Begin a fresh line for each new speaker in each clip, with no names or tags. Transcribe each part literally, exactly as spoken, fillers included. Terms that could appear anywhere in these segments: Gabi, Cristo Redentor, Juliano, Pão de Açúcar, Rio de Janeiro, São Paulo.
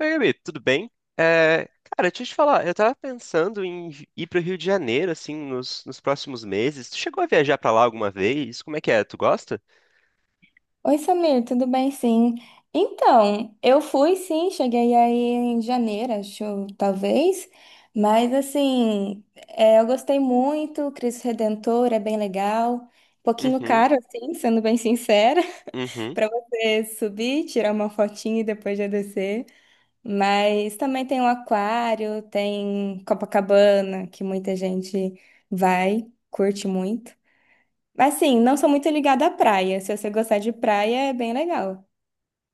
Oi, Gabi, tudo bem? É, cara, deixa eu te falar, eu tava pensando em vi- ir pro Rio de Janeiro, assim, nos, nos próximos meses. Tu chegou a viajar pra lá alguma vez? Como é que é? Tu gosta?
Oi, Samir, tudo bem? Sim. Então, eu fui sim, cheguei aí em janeiro, acho, talvez, mas assim, é, eu gostei muito, Cristo Redentor é bem legal, um pouquinho
Uhum,
caro, assim, sendo bem sincera,
uhum.
para você subir, tirar uma fotinha e depois já descer, mas também tem o aquário, tem Copacabana, que muita gente vai, curte muito. Mas assim, não sou muito ligada à praia, se você gostar de praia é bem legal.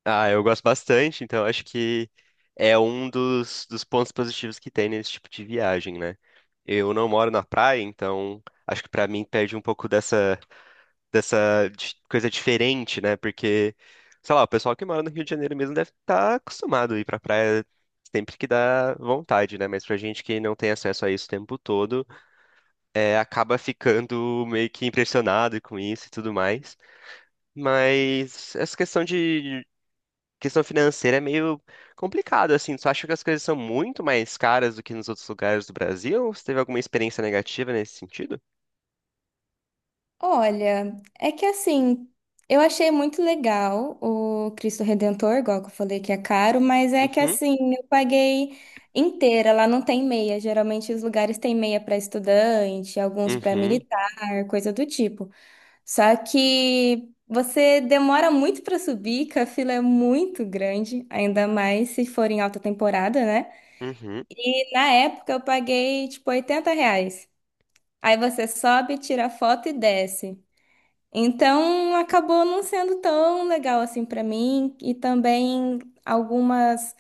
Ah, eu gosto bastante, então acho que é um dos, dos pontos positivos que tem nesse tipo de viagem, né? Eu não moro na praia, então acho que pra mim perde um pouco dessa, dessa di- coisa diferente, né? Porque, sei lá, o pessoal que mora no Rio de Janeiro mesmo deve estar acostumado a ir pra praia sempre que dá vontade, né? Mas pra gente que não tem acesso a isso o tempo todo, é, acaba ficando meio que impressionado com isso e tudo mais. Mas essa questão de questão financeira é meio complicado, assim. Tu acha que as coisas são muito mais caras do que nos outros lugares do Brasil? Ou você teve alguma experiência negativa nesse sentido?
Olha, é que assim, eu achei muito legal o Cristo Redentor, igual que eu falei que é caro, mas é que
Uhum,
assim, eu paguei inteira, lá não tem meia. Geralmente os lugares têm meia para estudante, alguns para
uhum,
militar, coisa do tipo. Só que você demora muito para subir, que a fila é muito grande, ainda mais se for em alta temporada, né?
uhum.
E na época eu paguei tipo oitenta reais. Aí você sobe, tira foto e desce. Então acabou não sendo tão legal assim pra mim e também algumas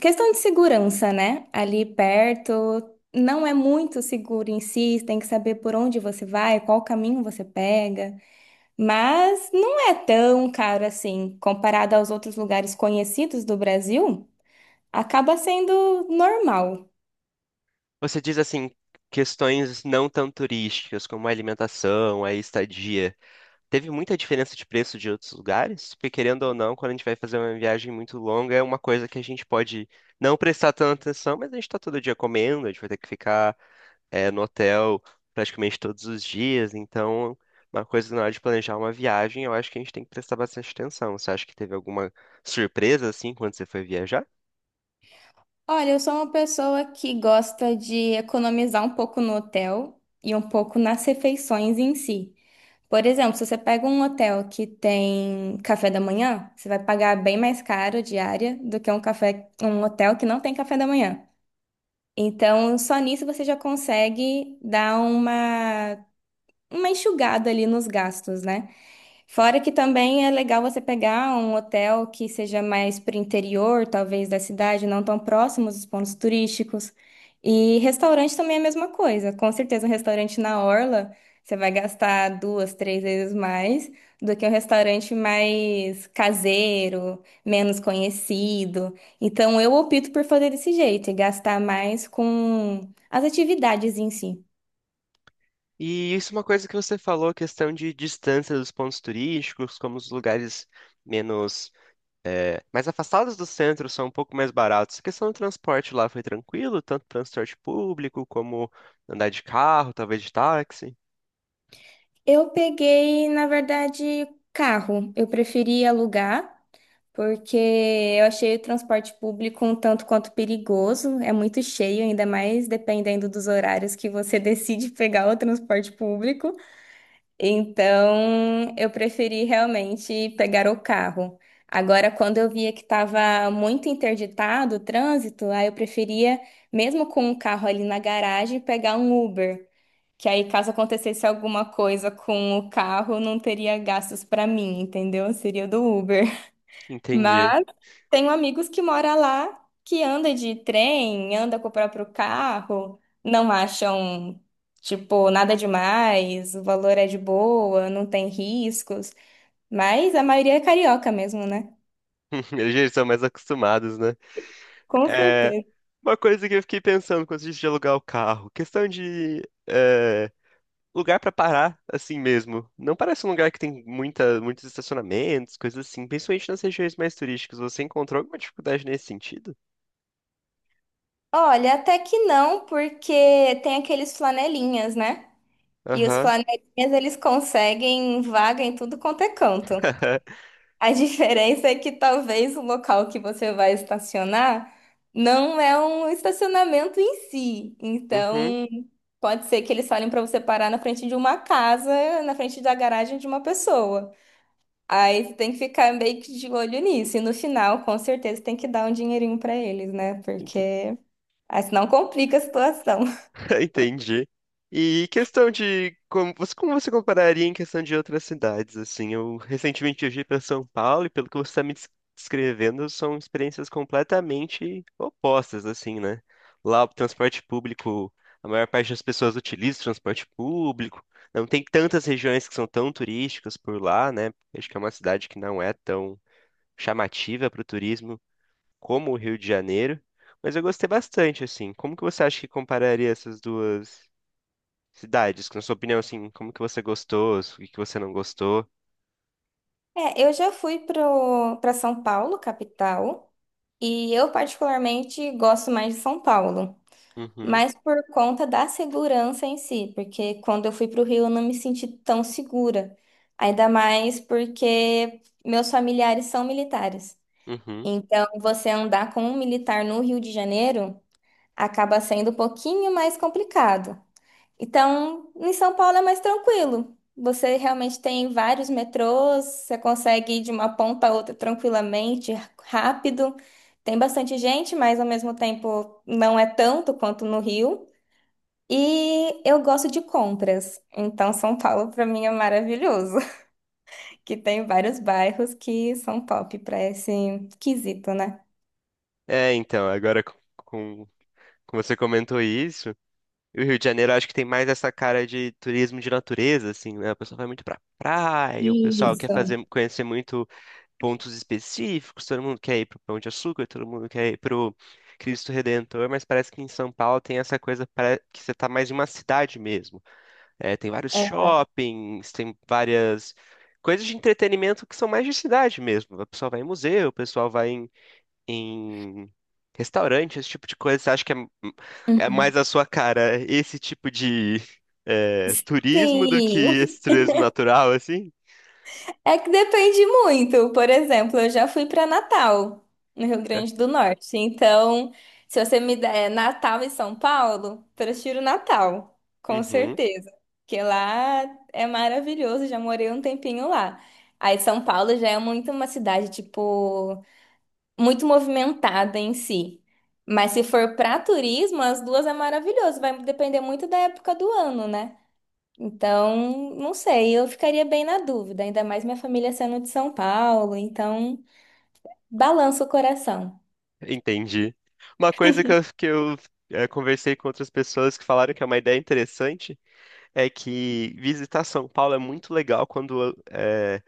questão de segurança, né? Ali perto não é muito seguro em si, tem que saber por onde você vai, qual caminho você pega, mas não é tão caro assim comparado aos outros lugares conhecidos do Brasil, acaba sendo normal.
Você diz assim, questões não tão turísticas, como a alimentação, a estadia. Teve muita diferença de preço de outros lugares? Porque, querendo ou não, quando a gente vai fazer uma viagem muito longa, é uma coisa que a gente pode não prestar tanta atenção, mas a gente está todo dia comendo, a gente vai ter que ficar, eh, no hotel praticamente todos os dias. Então, uma coisa na hora de planejar uma viagem, eu acho que a gente tem que prestar bastante atenção. Você acha que teve alguma surpresa, assim, quando você foi viajar?
Olha, eu sou uma pessoa que gosta de economizar um pouco no hotel e um pouco nas refeições em si. Por exemplo, se você pega um hotel que tem café da manhã, você vai pagar bem mais caro a diária do que um café, um hotel que não tem café da manhã. Então, só nisso você já consegue dar uma, uma enxugada ali nos gastos, né? Fora que também é legal você pegar um hotel que seja mais para o interior, talvez da cidade, não tão próximos dos pontos turísticos. E restaurante também é a mesma coisa. Com certeza, um restaurante na orla, você vai gastar duas, três vezes mais do que um restaurante mais caseiro, menos conhecido. Então, eu opto por fazer desse jeito e gastar mais com as atividades em si.
E isso é uma coisa que você falou, questão de distância dos pontos turísticos, como os lugares menos, eh, mais afastados do centro são um pouco mais baratos. A questão do transporte lá foi tranquilo, tanto transporte público como andar de carro, talvez de táxi.
Eu peguei, na verdade, carro. Eu preferi alugar, porque eu achei o transporte público um tanto quanto perigoso, é muito cheio, ainda mais dependendo dos horários que você decide pegar o transporte público. Então, eu preferi realmente pegar o carro. Agora, quando eu via que estava muito interditado o trânsito, aí eu preferia, mesmo com o carro ali na garagem, pegar um Uber. Que aí, caso acontecesse alguma coisa com o carro, não teria gastos para mim, entendeu? Seria do Uber.
Entendi.
Mas tenho amigos que moram lá, que anda de trem, anda com o próprio carro, não acham, tipo, nada demais, o valor é de boa, não tem riscos, mas a maioria é carioca mesmo, né?
Eles já são mais acostumados, né?
Com
É
certeza.
uma coisa que eu fiquei pensando quando a gente de alugar o carro, questão de é, lugar pra parar assim mesmo. Não parece um lugar que tem muita, muitos estacionamentos, coisas assim. Principalmente nas regiões mais turísticas. Você encontrou alguma dificuldade nesse sentido?
Olha, até que não, porque tem aqueles flanelinhas, né? E os
Aham.
flanelinhas, eles conseguem vaga em tudo quanto é canto. A diferença é que talvez o local que você vai estacionar não é um estacionamento em si.
Uhum.
Então, pode ser que eles falem para você parar na frente de uma casa, na frente da garagem de uma pessoa. Aí você tem que ficar meio que de olho nisso. E no final, com certeza, tem que dar um dinheirinho para eles, né? Porque aí senão complica a situação.
Entendi. E questão de como você, como você compararia em questão de outras cidades, assim, eu recentemente viajei para São Paulo e pelo que você está me des- descrevendo, são experiências completamente opostas, assim, né? Lá o transporte público, a maior parte das pessoas utiliza o transporte público, não tem tantas regiões que são tão turísticas por lá, né? Acho que é uma cidade que não é tão chamativa para o turismo como o Rio de Janeiro. Mas eu gostei bastante, assim. Como que você acha que compararia essas duas? Cidades, na sua opinião, assim, como que você gostou, o que que você não gostou?
É, eu já fui pro, para São Paulo, capital, e eu particularmente gosto mais de São Paulo.
Uhum,
Mas por conta da segurança em si, porque quando eu fui para o Rio eu não me senti tão segura. Ainda mais porque meus familiares são militares.
uhum.
Então, você andar com um militar no Rio de Janeiro acaba sendo um pouquinho mais complicado. Então, em São Paulo é mais tranquilo. Você realmente tem vários metrôs, você consegue ir de uma ponta a outra tranquilamente, rápido. Tem bastante gente, mas ao mesmo tempo não é tanto quanto no Rio. E eu gosto de compras, então São Paulo para mim é maravilhoso, que tem vários bairros que são top para esse quesito, né?
É, então, agora com, com com você comentou isso, e o Rio de Janeiro acho que tem mais essa cara de turismo de natureza, assim, né? O pessoal vai muito pra praia, o pessoal quer
Isso.
fazer, conhecer muito pontos específicos, todo mundo quer ir pro Pão de Açúcar, todo mundo quer ir pro Cristo Redentor, mas parece que em São Paulo tem essa coisa para que você tá mais em uma cidade mesmo. É, tem vários
É.
shoppings, tem várias coisas de entretenimento que são mais de cidade mesmo. O pessoal vai em museu, o pessoal vai em, em restaurante, esse tipo de coisa. Você acha que é, é
Uhum.
mais a sua cara esse tipo de é, turismo do que esse
Sim!
turismo natural, assim?
É que depende muito. Por exemplo, eu já fui para Natal, no Rio
É.
Grande do Norte. Então, se você me der Natal e São Paulo, prefiro Natal, com
Uhum,
certeza. Porque lá é maravilhoso, já morei um tempinho lá. Aí São Paulo já é muito uma cidade, tipo, muito movimentada em si. Mas se for para turismo, as duas é maravilhoso. Vai depender muito da época do ano, né? Então, não sei, eu ficaria bem na dúvida, ainda mais minha família sendo de São Paulo, então balança o coração.
entendi. Uma coisa que eu, que eu é, conversei com outras pessoas que falaram que é uma ideia interessante é que visitar São Paulo é muito legal quando é,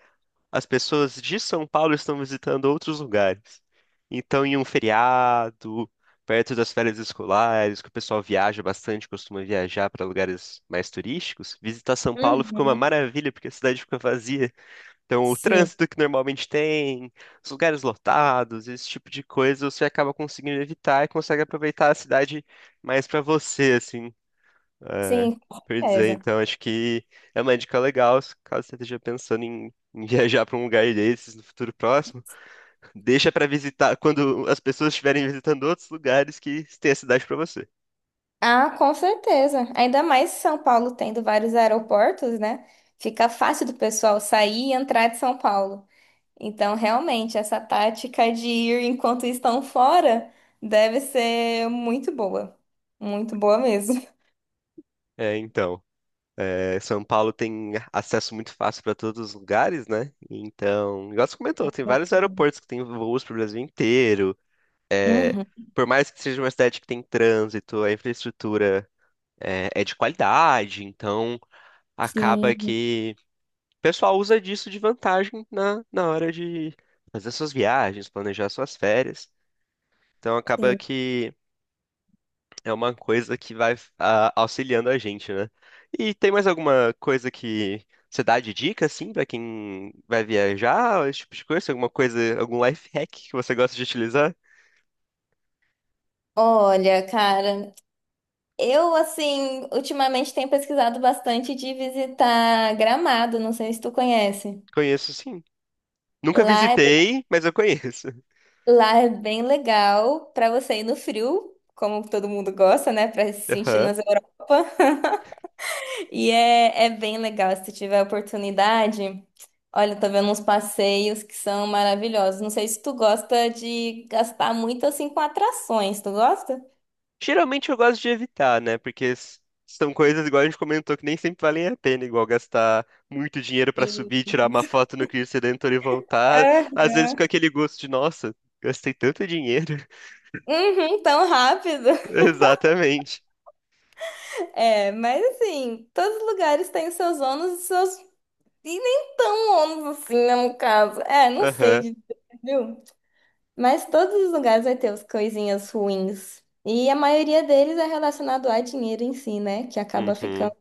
as pessoas de São Paulo estão visitando outros lugares. Então, em um feriado, perto das férias escolares, que o pessoal viaja bastante, costuma viajar para lugares mais turísticos, visitar São Paulo fica uma
Uhum.
maravilha, porque a cidade fica vazia. Então, o
Sim,
trânsito que normalmente tem, os lugares lotados, esse tipo de coisa, você acaba conseguindo evitar e consegue aproveitar a cidade mais para você, assim. É,
sim, com
por dizer,
certeza.
então, acho que é uma dica legal, se- caso você esteja pensando em, em viajar para um lugar desses no futuro próximo, deixa para visitar quando as pessoas estiverem visitando outros lugares que tem a cidade para você.
Ah, com certeza. Ainda mais São Paulo tendo vários aeroportos, né? Fica fácil do pessoal sair e entrar de São Paulo. Então, realmente, essa tática de ir enquanto estão fora deve ser muito boa. Muito boa mesmo.
É, então, é, São Paulo tem acesso muito fácil para todos os lugares, né? Então, igual você comentou, tem vários aeroportos que tem voos para o Brasil inteiro. É,
Uhum.
por mais que seja uma cidade que tem trânsito, a infraestrutura é, é de qualidade, então acaba
Sim,
que o pessoal usa disso de vantagem na, na hora de fazer suas viagens, planejar suas férias. Então acaba
sim.
que é uma coisa que vai ah, auxiliando a gente, né? E tem mais alguma coisa que você dá de dica, assim, pra quem vai viajar, esse tipo de coisa? Alguma coisa, algum life hack que você gosta de utilizar?
Olha, cara. Eu, assim, ultimamente tenho pesquisado bastante de visitar Gramado, não sei se tu conhece.
Conheço, sim. Nunca
Lá é,
visitei, mas eu conheço.
lá é bem legal para você ir no frio, como todo mundo gosta, né? Para se sentir
Aham.
nas Europa. E é, é bem legal, se tu tiver oportunidade. Olha, eu tô vendo uns passeios que são maravilhosos. Não sei se tu gosta de gastar muito assim com atrações, tu gosta?
Geralmente eu gosto de evitar, né? Porque s- são coisas, igual a gente comentou, que nem sempre valem a pena, igual gastar muito dinheiro pra
E-
subir, tirar uma foto no Cristo Redentor e voltar.
Ah,
Às vezes fica aquele gosto de, nossa, gastei tanto dinheiro.
uhum, tão rápido.
Exatamente.
É, mas assim, todos os lugares têm os seus ônus e seus. E nem tão ônus assim, né, no caso. É, não sei
Aham.
dizer, viu? Mas todos os lugares vai ter as coisinhas ruins. E a maioria deles é relacionado a dinheiro em si, né? Que acaba ficando
Uhum.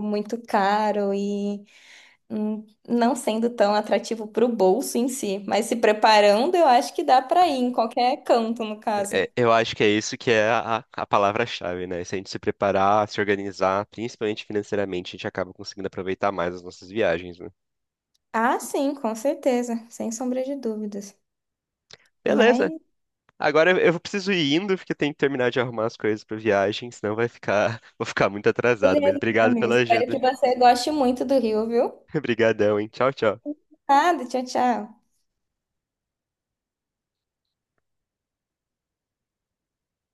muito caro e hum, não sendo tão atrativo pro bolso em si. Mas se preparando, eu acho que dá pra ir em qualquer canto, no caso.
É, eu acho que é isso que é a, a palavra-chave, né? Se a gente se preparar, se organizar, principalmente financeiramente, a gente acaba conseguindo aproveitar mais as nossas viagens, né?
Ah, sim, com certeza, sem sombra de dúvidas.
Beleza.
Mas.
Agora eu eu preciso ir indo, porque tem que terminar de arrumar as coisas pra viagem, senão vai ficar, vou ficar muito atrasado, mas
Beleza,
obrigado
Samir.
pela
Espero
ajuda.
que você goste muito do Rio, viu?
Obrigadão, hein? Tchau, tchau.
Ah, tchau, tchau.